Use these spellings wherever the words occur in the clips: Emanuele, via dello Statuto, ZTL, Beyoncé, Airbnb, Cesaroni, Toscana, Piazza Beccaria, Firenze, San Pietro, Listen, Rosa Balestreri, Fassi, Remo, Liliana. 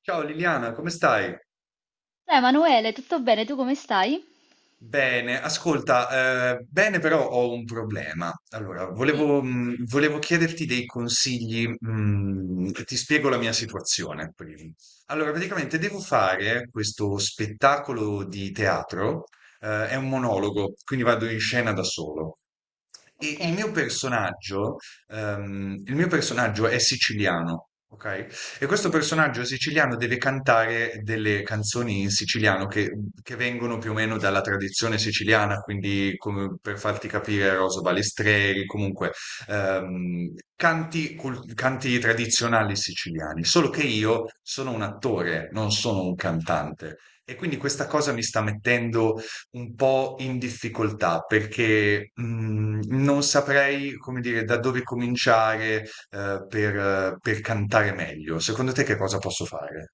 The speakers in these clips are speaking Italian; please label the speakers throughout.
Speaker 1: Ciao Liliana, come stai?
Speaker 2: Ciao Emanuele, tutto bene? Tu come stai?
Speaker 1: Bene, ascolta, bene però ho un problema. Allora,
Speaker 2: Sì,
Speaker 1: volevo, volevo chiederti dei consigli, ti spiego la mia situazione prima. Allora, praticamente devo fare questo spettacolo di teatro, è un monologo, quindi vado in scena da solo. E
Speaker 2: ok.
Speaker 1: il mio personaggio è siciliano, ok? E questo
Speaker 2: Mm.
Speaker 1: personaggio siciliano deve cantare delle canzoni in siciliano che vengono più o meno dalla tradizione siciliana, quindi come per farti capire Rosa Balestreri, comunque canti, canti tradizionali siciliani. Solo che io sono un attore, non sono un cantante. E quindi questa cosa mi sta mettendo un po' in difficoltà perché non saprei, come dire, da dove cominciare per cantare meglio. Secondo te che cosa posso fare?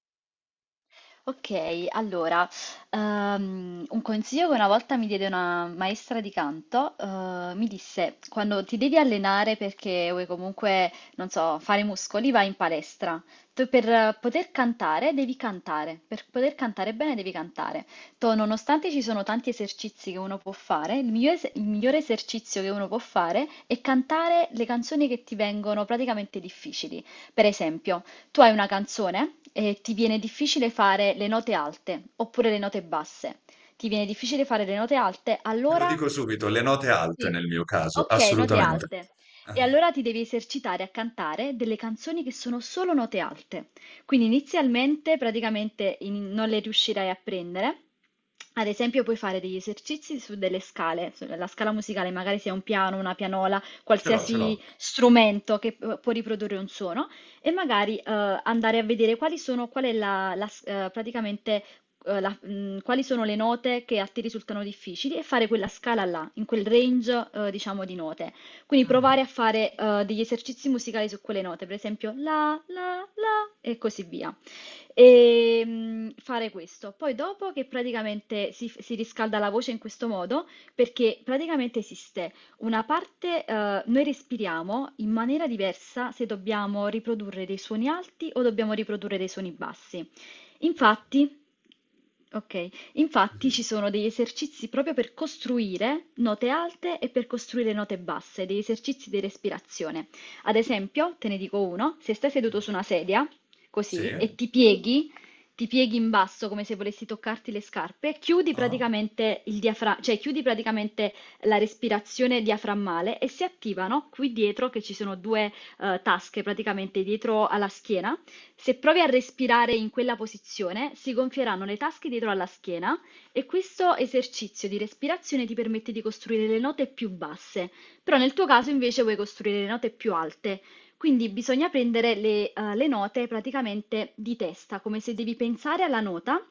Speaker 2: Ok, allora, un consiglio che una volta mi diede una maestra di canto, mi disse, quando ti devi allenare perché vuoi comunque, non so, fare muscoli, vai in palestra. Tu per poter cantare devi cantare, per poter cantare bene devi cantare. Tu, nonostante ci sono tanti esercizi che uno può fare, il migliore, il migliore esercizio che uno può fare è cantare le canzoni che ti vengono praticamente difficili. Per esempio... Tu hai una canzone e ti viene difficile fare le note alte oppure le note basse. Ti viene difficile fare le note alte,
Speaker 1: Te lo
Speaker 2: allora...
Speaker 1: dico subito, le note alte
Speaker 2: Sì.
Speaker 1: nel mio caso,
Speaker 2: Ok, note
Speaker 1: assolutamente.
Speaker 2: alte. E
Speaker 1: Ah.
Speaker 2: allora ti devi esercitare a cantare delle canzoni che sono solo note alte. Quindi inizialmente praticamente non le riuscirai a prendere. Ad esempio, puoi fare degli esercizi su delle scale, sulla scala musicale, magari sia un piano, una pianola,
Speaker 1: Ce l'ho, ce l'ho.
Speaker 2: qualsiasi strumento che può riprodurre un suono e magari andare a vedere quali sono, qual è la, praticamente, quali sono le note che a te risultano difficili e fare quella scala là, in quel range, diciamo, di note. Quindi
Speaker 1: Mm.
Speaker 2: provare a fare degli esercizi musicali su quelle note, per esempio la, la, la e così via e fare questo. Poi dopo che praticamente si riscalda la voce in questo modo, perché praticamente esiste una parte, noi respiriamo in maniera diversa se dobbiamo riprodurre dei suoni alti o dobbiamo riprodurre dei suoni bassi. Infatti, ok, infatti
Speaker 1: Sì.
Speaker 2: ci sono degli esercizi proprio per costruire note alte e per costruire note basse, degli esercizi di respirazione. Ad esempio, te ne dico uno, se stai seduto su una sedia,
Speaker 1: Sì?
Speaker 2: così, e
Speaker 1: Sì?
Speaker 2: ti pieghi in basso come se volessi toccarti le scarpe, chiudi
Speaker 1: Ah.
Speaker 2: praticamente il cioè chiudi praticamente la respirazione diaframmale e si attivano qui dietro, che ci sono due tasche praticamente dietro alla schiena. Se provi a respirare in quella posizione, si gonfieranno le tasche dietro alla schiena e questo esercizio di respirazione ti permette di costruire le note più basse. Però nel tuo caso invece vuoi costruire le note più alte. Quindi bisogna prendere le, le note praticamente di testa, come se devi pensare alla nota.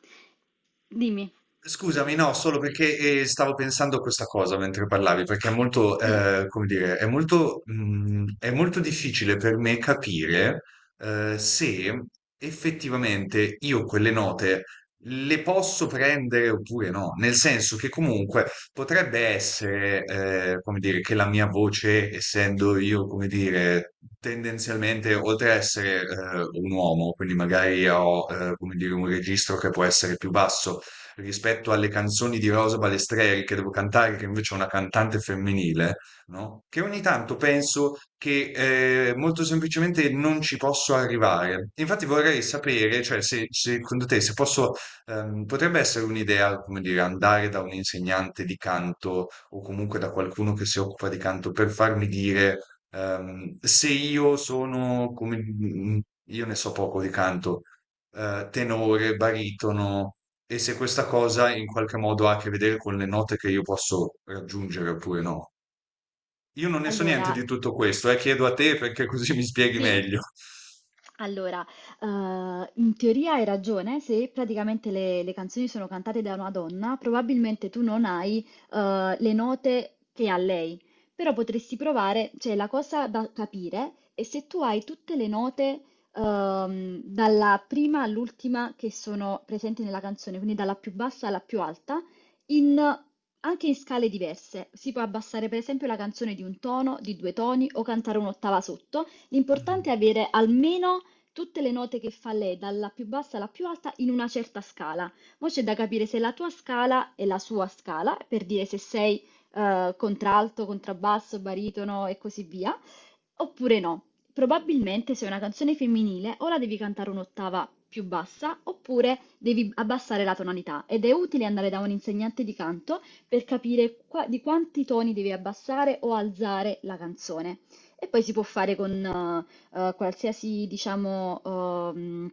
Speaker 2: Dimmi.
Speaker 1: Scusami, no, solo perché stavo pensando a questa cosa mentre parlavi, perché è molto,
Speaker 2: Sì,
Speaker 1: come dire, è molto, è molto difficile per me capire se effettivamente io quelle note le posso prendere oppure no, nel senso che comunque potrebbe essere, come dire, che la mia voce, essendo io, come dire, tendenzialmente, oltre a essere un uomo, quindi magari ho, come dire, un registro che può essere più basso, rispetto alle canzoni di Rosa Balestreri che devo cantare, che invece è una cantante femminile, no? Che ogni tanto penso che molto semplicemente non ci posso arrivare. Infatti vorrei sapere, cioè, secondo te, se posso, potrebbe essere un'idea, come dire, andare da un insegnante di canto o comunque da qualcuno che si occupa di canto per farmi dire se io sono come io ne so poco di canto, tenore, baritono. E se questa cosa in qualche modo ha a che vedere con le note che io posso raggiungere oppure no. Io non ne so niente
Speaker 2: allora,
Speaker 1: di tutto questo, chiedo a te perché così mi spieghi
Speaker 2: sì,
Speaker 1: meglio.
Speaker 2: allora, in teoria hai ragione, se praticamente le canzoni sono cantate da una donna, probabilmente tu non hai, le note che ha lei, però potresti provare, cioè la cosa da capire è se tu hai tutte le note, dalla prima all'ultima che sono presenti nella canzone, quindi dalla più bassa alla più alta, in anche in scale diverse. Si può abbassare per esempio la canzone di un tono, di 2 toni o cantare un'ottava sotto.
Speaker 1: Mm.
Speaker 2: L'importante è avere almeno tutte le note che fa lei, dalla più bassa alla più alta, in una certa scala. Mo' c'è da capire se la tua scala è la sua scala, per dire se sei contralto, contrabbasso, baritono e così via, oppure no. Probabilmente se è una canzone femminile o la devi cantare un'ottava più bassa oppure devi abbassare la tonalità ed è utile andare da un insegnante di canto per capire di quanti toni devi abbassare o alzare la canzone. E poi si può fare con qualsiasi, diciamo, ehm,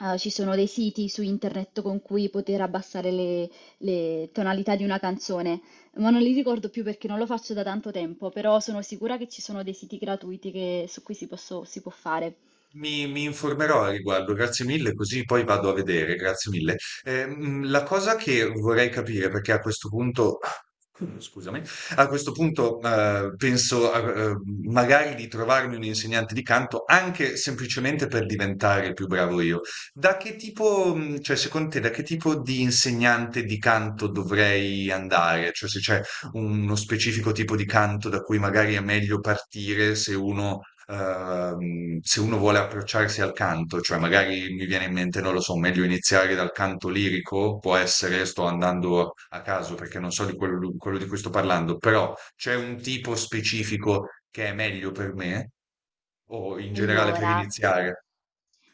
Speaker 2: eh, ci sono dei siti su internet con cui poter abbassare le tonalità di una canzone, ma non li ricordo più perché non lo faccio da tanto tempo, però sono sicura che ci sono dei siti gratuiti su cui si può fare.
Speaker 1: Mi informerò a riguardo, grazie mille, così poi vado a vedere, grazie mille. La cosa che vorrei capire, perché a questo punto. Mm. Scusami. A questo punto, eh, magari di trovarmi un insegnante di canto anche semplicemente per diventare più bravo io. Da che tipo, cioè, secondo te, da che tipo di insegnante di canto dovrei andare? Cioè, se c'è uno specifico tipo di canto da cui magari è meglio partire se uno se uno vuole approcciarsi al canto, cioè magari mi viene in mente, non lo so, meglio iniziare dal canto lirico, può essere, sto andando a caso perché non so di quello di cui sto parlando, però c'è un tipo specifico che è meglio per me o in generale per
Speaker 2: Allora,
Speaker 1: iniziare?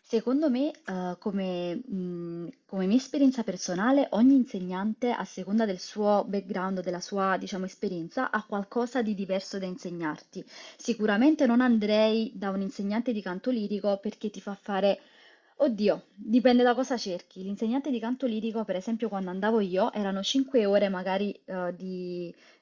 Speaker 2: secondo me, come, come mia esperienza personale, ogni insegnante, a seconda del suo background, della sua, diciamo, esperienza, ha qualcosa di diverso da insegnarti. Sicuramente non andrei da un insegnante di canto lirico perché ti fa fare, oddio, dipende da cosa cerchi. L'insegnante di canto lirico, per esempio, quando andavo io, erano 5 ore magari,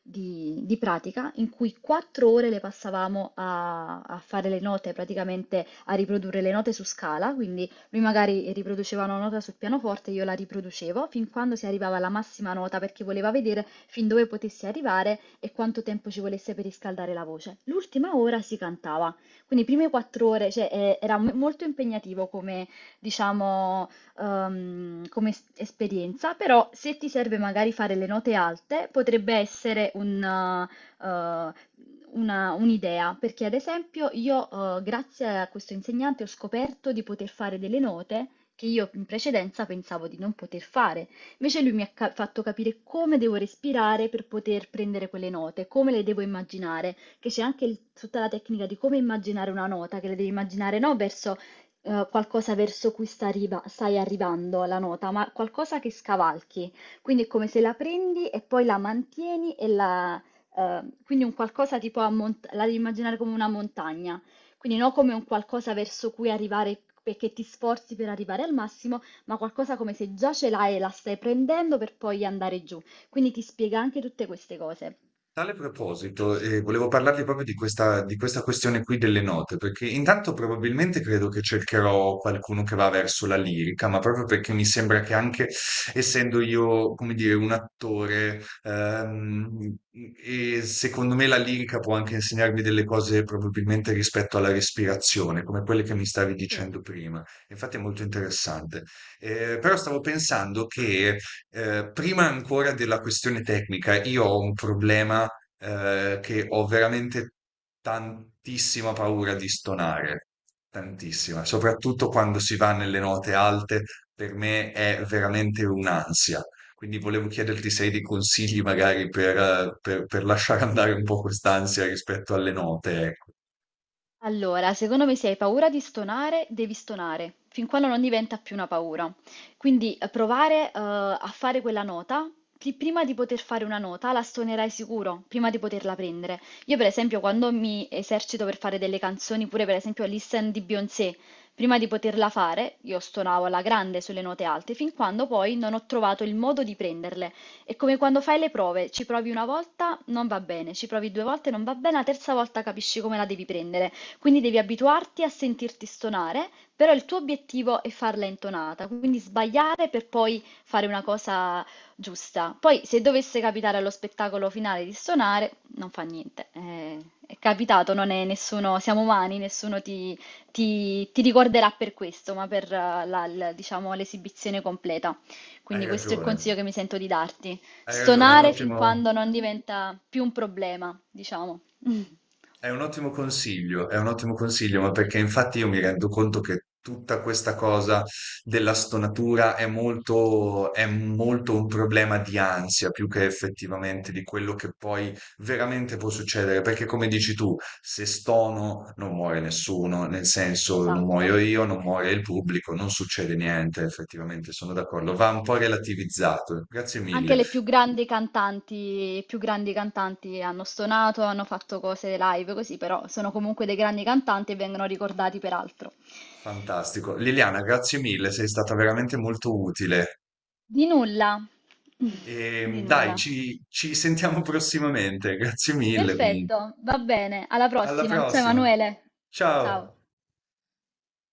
Speaker 2: di pratica in cui quattro ore le passavamo a fare le note, praticamente a riprodurre le note su scala, quindi lui magari riproduceva una nota sul pianoforte, io la riproducevo fin quando si arrivava alla massima nota perché voleva vedere fin dove potessi arrivare e quanto tempo ci volesse per riscaldare la voce. L'ultima ora si cantava, quindi prime 4 ore, cioè, era molto impegnativo come, diciamo, come esperienza, però se ti serve magari fare le note alte, potrebbe essere un, un'idea, perché ad esempio io, grazie a questo insegnante, ho scoperto di poter fare delle note che io in precedenza pensavo di non poter fare. Invece lui mi ha fatto capire come devo respirare per poter prendere quelle note, come le devo immaginare, che c'è anche tutta la tecnica di come immaginare una nota, che le devi immaginare no verso qualcosa verso cui stai arrivando la nota, ma qualcosa che scavalchi. Quindi è come se la prendi e poi la mantieni e la... quindi un qualcosa tipo la devi immaginare come una montagna, quindi non come un qualcosa verso cui arrivare perché ti sforzi per arrivare al massimo, ma qualcosa come se già ce l'hai e la stai prendendo per poi andare giù. Quindi ti spiega anche tutte queste cose.
Speaker 1: Tale proposito, volevo parlarvi proprio di di questa questione qui delle note, perché intanto probabilmente credo che cercherò qualcuno che va verso la lirica, ma proprio perché mi sembra che anche essendo io, come dire, un attore, e secondo me la lirica può anche insegnarmi delle cose probabilmente rispetto alla respirazione, come quelle che mi stavi
Speaker 2: Sì.
Speaker 1: dicendo prima. Infatti è molto interessante. Però stavo pensando che prima ancora della questione tecnica, io ho un problema che ho veramente tantissima paura di stonare, tantissima, soprattutto quando si va nelle note alte, per me è veramente un'ansia. Quindi volevo chiederti se hai dei consigli magari per, per lasciare andare un po' quest'ansia rispetto alle note, ecco.
Speaker 2: Allora, secondo me se hai paura di stonare, devi stonare, fin quando non diventa più una paura. Quindi provare, a fare quella nota, prima di poter fare una nota la stonerai sicuro, prima di poterla prendere. Io per esempio quando mi esercito per fare delle canzoni, pure per esempio Listen di Beyoncé, prima di poterla fare, io stonavo alla grande sulle note alte, fin quando poi non ho trovato il modo di prenderle. È come quando fai le prove, ci provi una volta, non va bene, ci provi due volte, non va bene, la terza volta capisci come la devi prendere. Quindi devi abituarti a sentirti stonare, però il tuo obiettivo è farla intonata, quindi sbagliare per poi fare una cosa giusta. Poi se dovesse capitare allo spettacolo finale di stonare, non fa niente. È capitato, non è nessuno, siamo umani, nessuno ti, ti ricorderà per questo, ma per diciamo, l'esibizione completa.
Speaker 1: Hai
Speaker 2: Quindi questo è il
Speaker 1: ragione,
Speaker 2: consiglio che mi sento di darti.
Speaker 1: hai ragione, è un
Speaker 2: Stonare fin
Speaker 1: ottimo...
Speaker 2: quando non diventa più un problema, diciamo.
Speaker 1: È un ottimo consiglio, è un ottimo consiglio, ma perché infatti io mi rendo conto che tutta questa cosa della stonatura è molto un problema di ansia più che effettivamente di quello che poi veramente può succedere. Perché come dici tu, se stono non muore nessuno, nel senso non
Speaker 2: Esatto.
Speaker 1: muoio io, non muore il pubblico, non succede niente, effettivamente sono d'accordo. Va un po' relativizzato. Grazie
Speaker 2: Anche
Speaker 1: mille,
Speaker 2: le più grandi cantanti, i più grandi cantanti hanno stonato, hanno fatto cose live così, però sono comunque dei grandi cantanti e vengono ricordati per altro.
Speaker 1: fantastico. Liliana, grazie mille, sei stata veramente molto utile.
Speaker 2: Di nulla, di
Speaker 1: E dai,
Speaker 2: nulla.
Speaker 1: ci, ci sentiamo prossimamente. Grazie mille comunque.
Speaker 2: Perfetto, va bene, alla
Speaker 1: Alla
Speaker 2: prossima. Ciao
Speaker 1: prossima.
Speaker 2: Emanuele. Ciao.
Speaker 1: Ciao.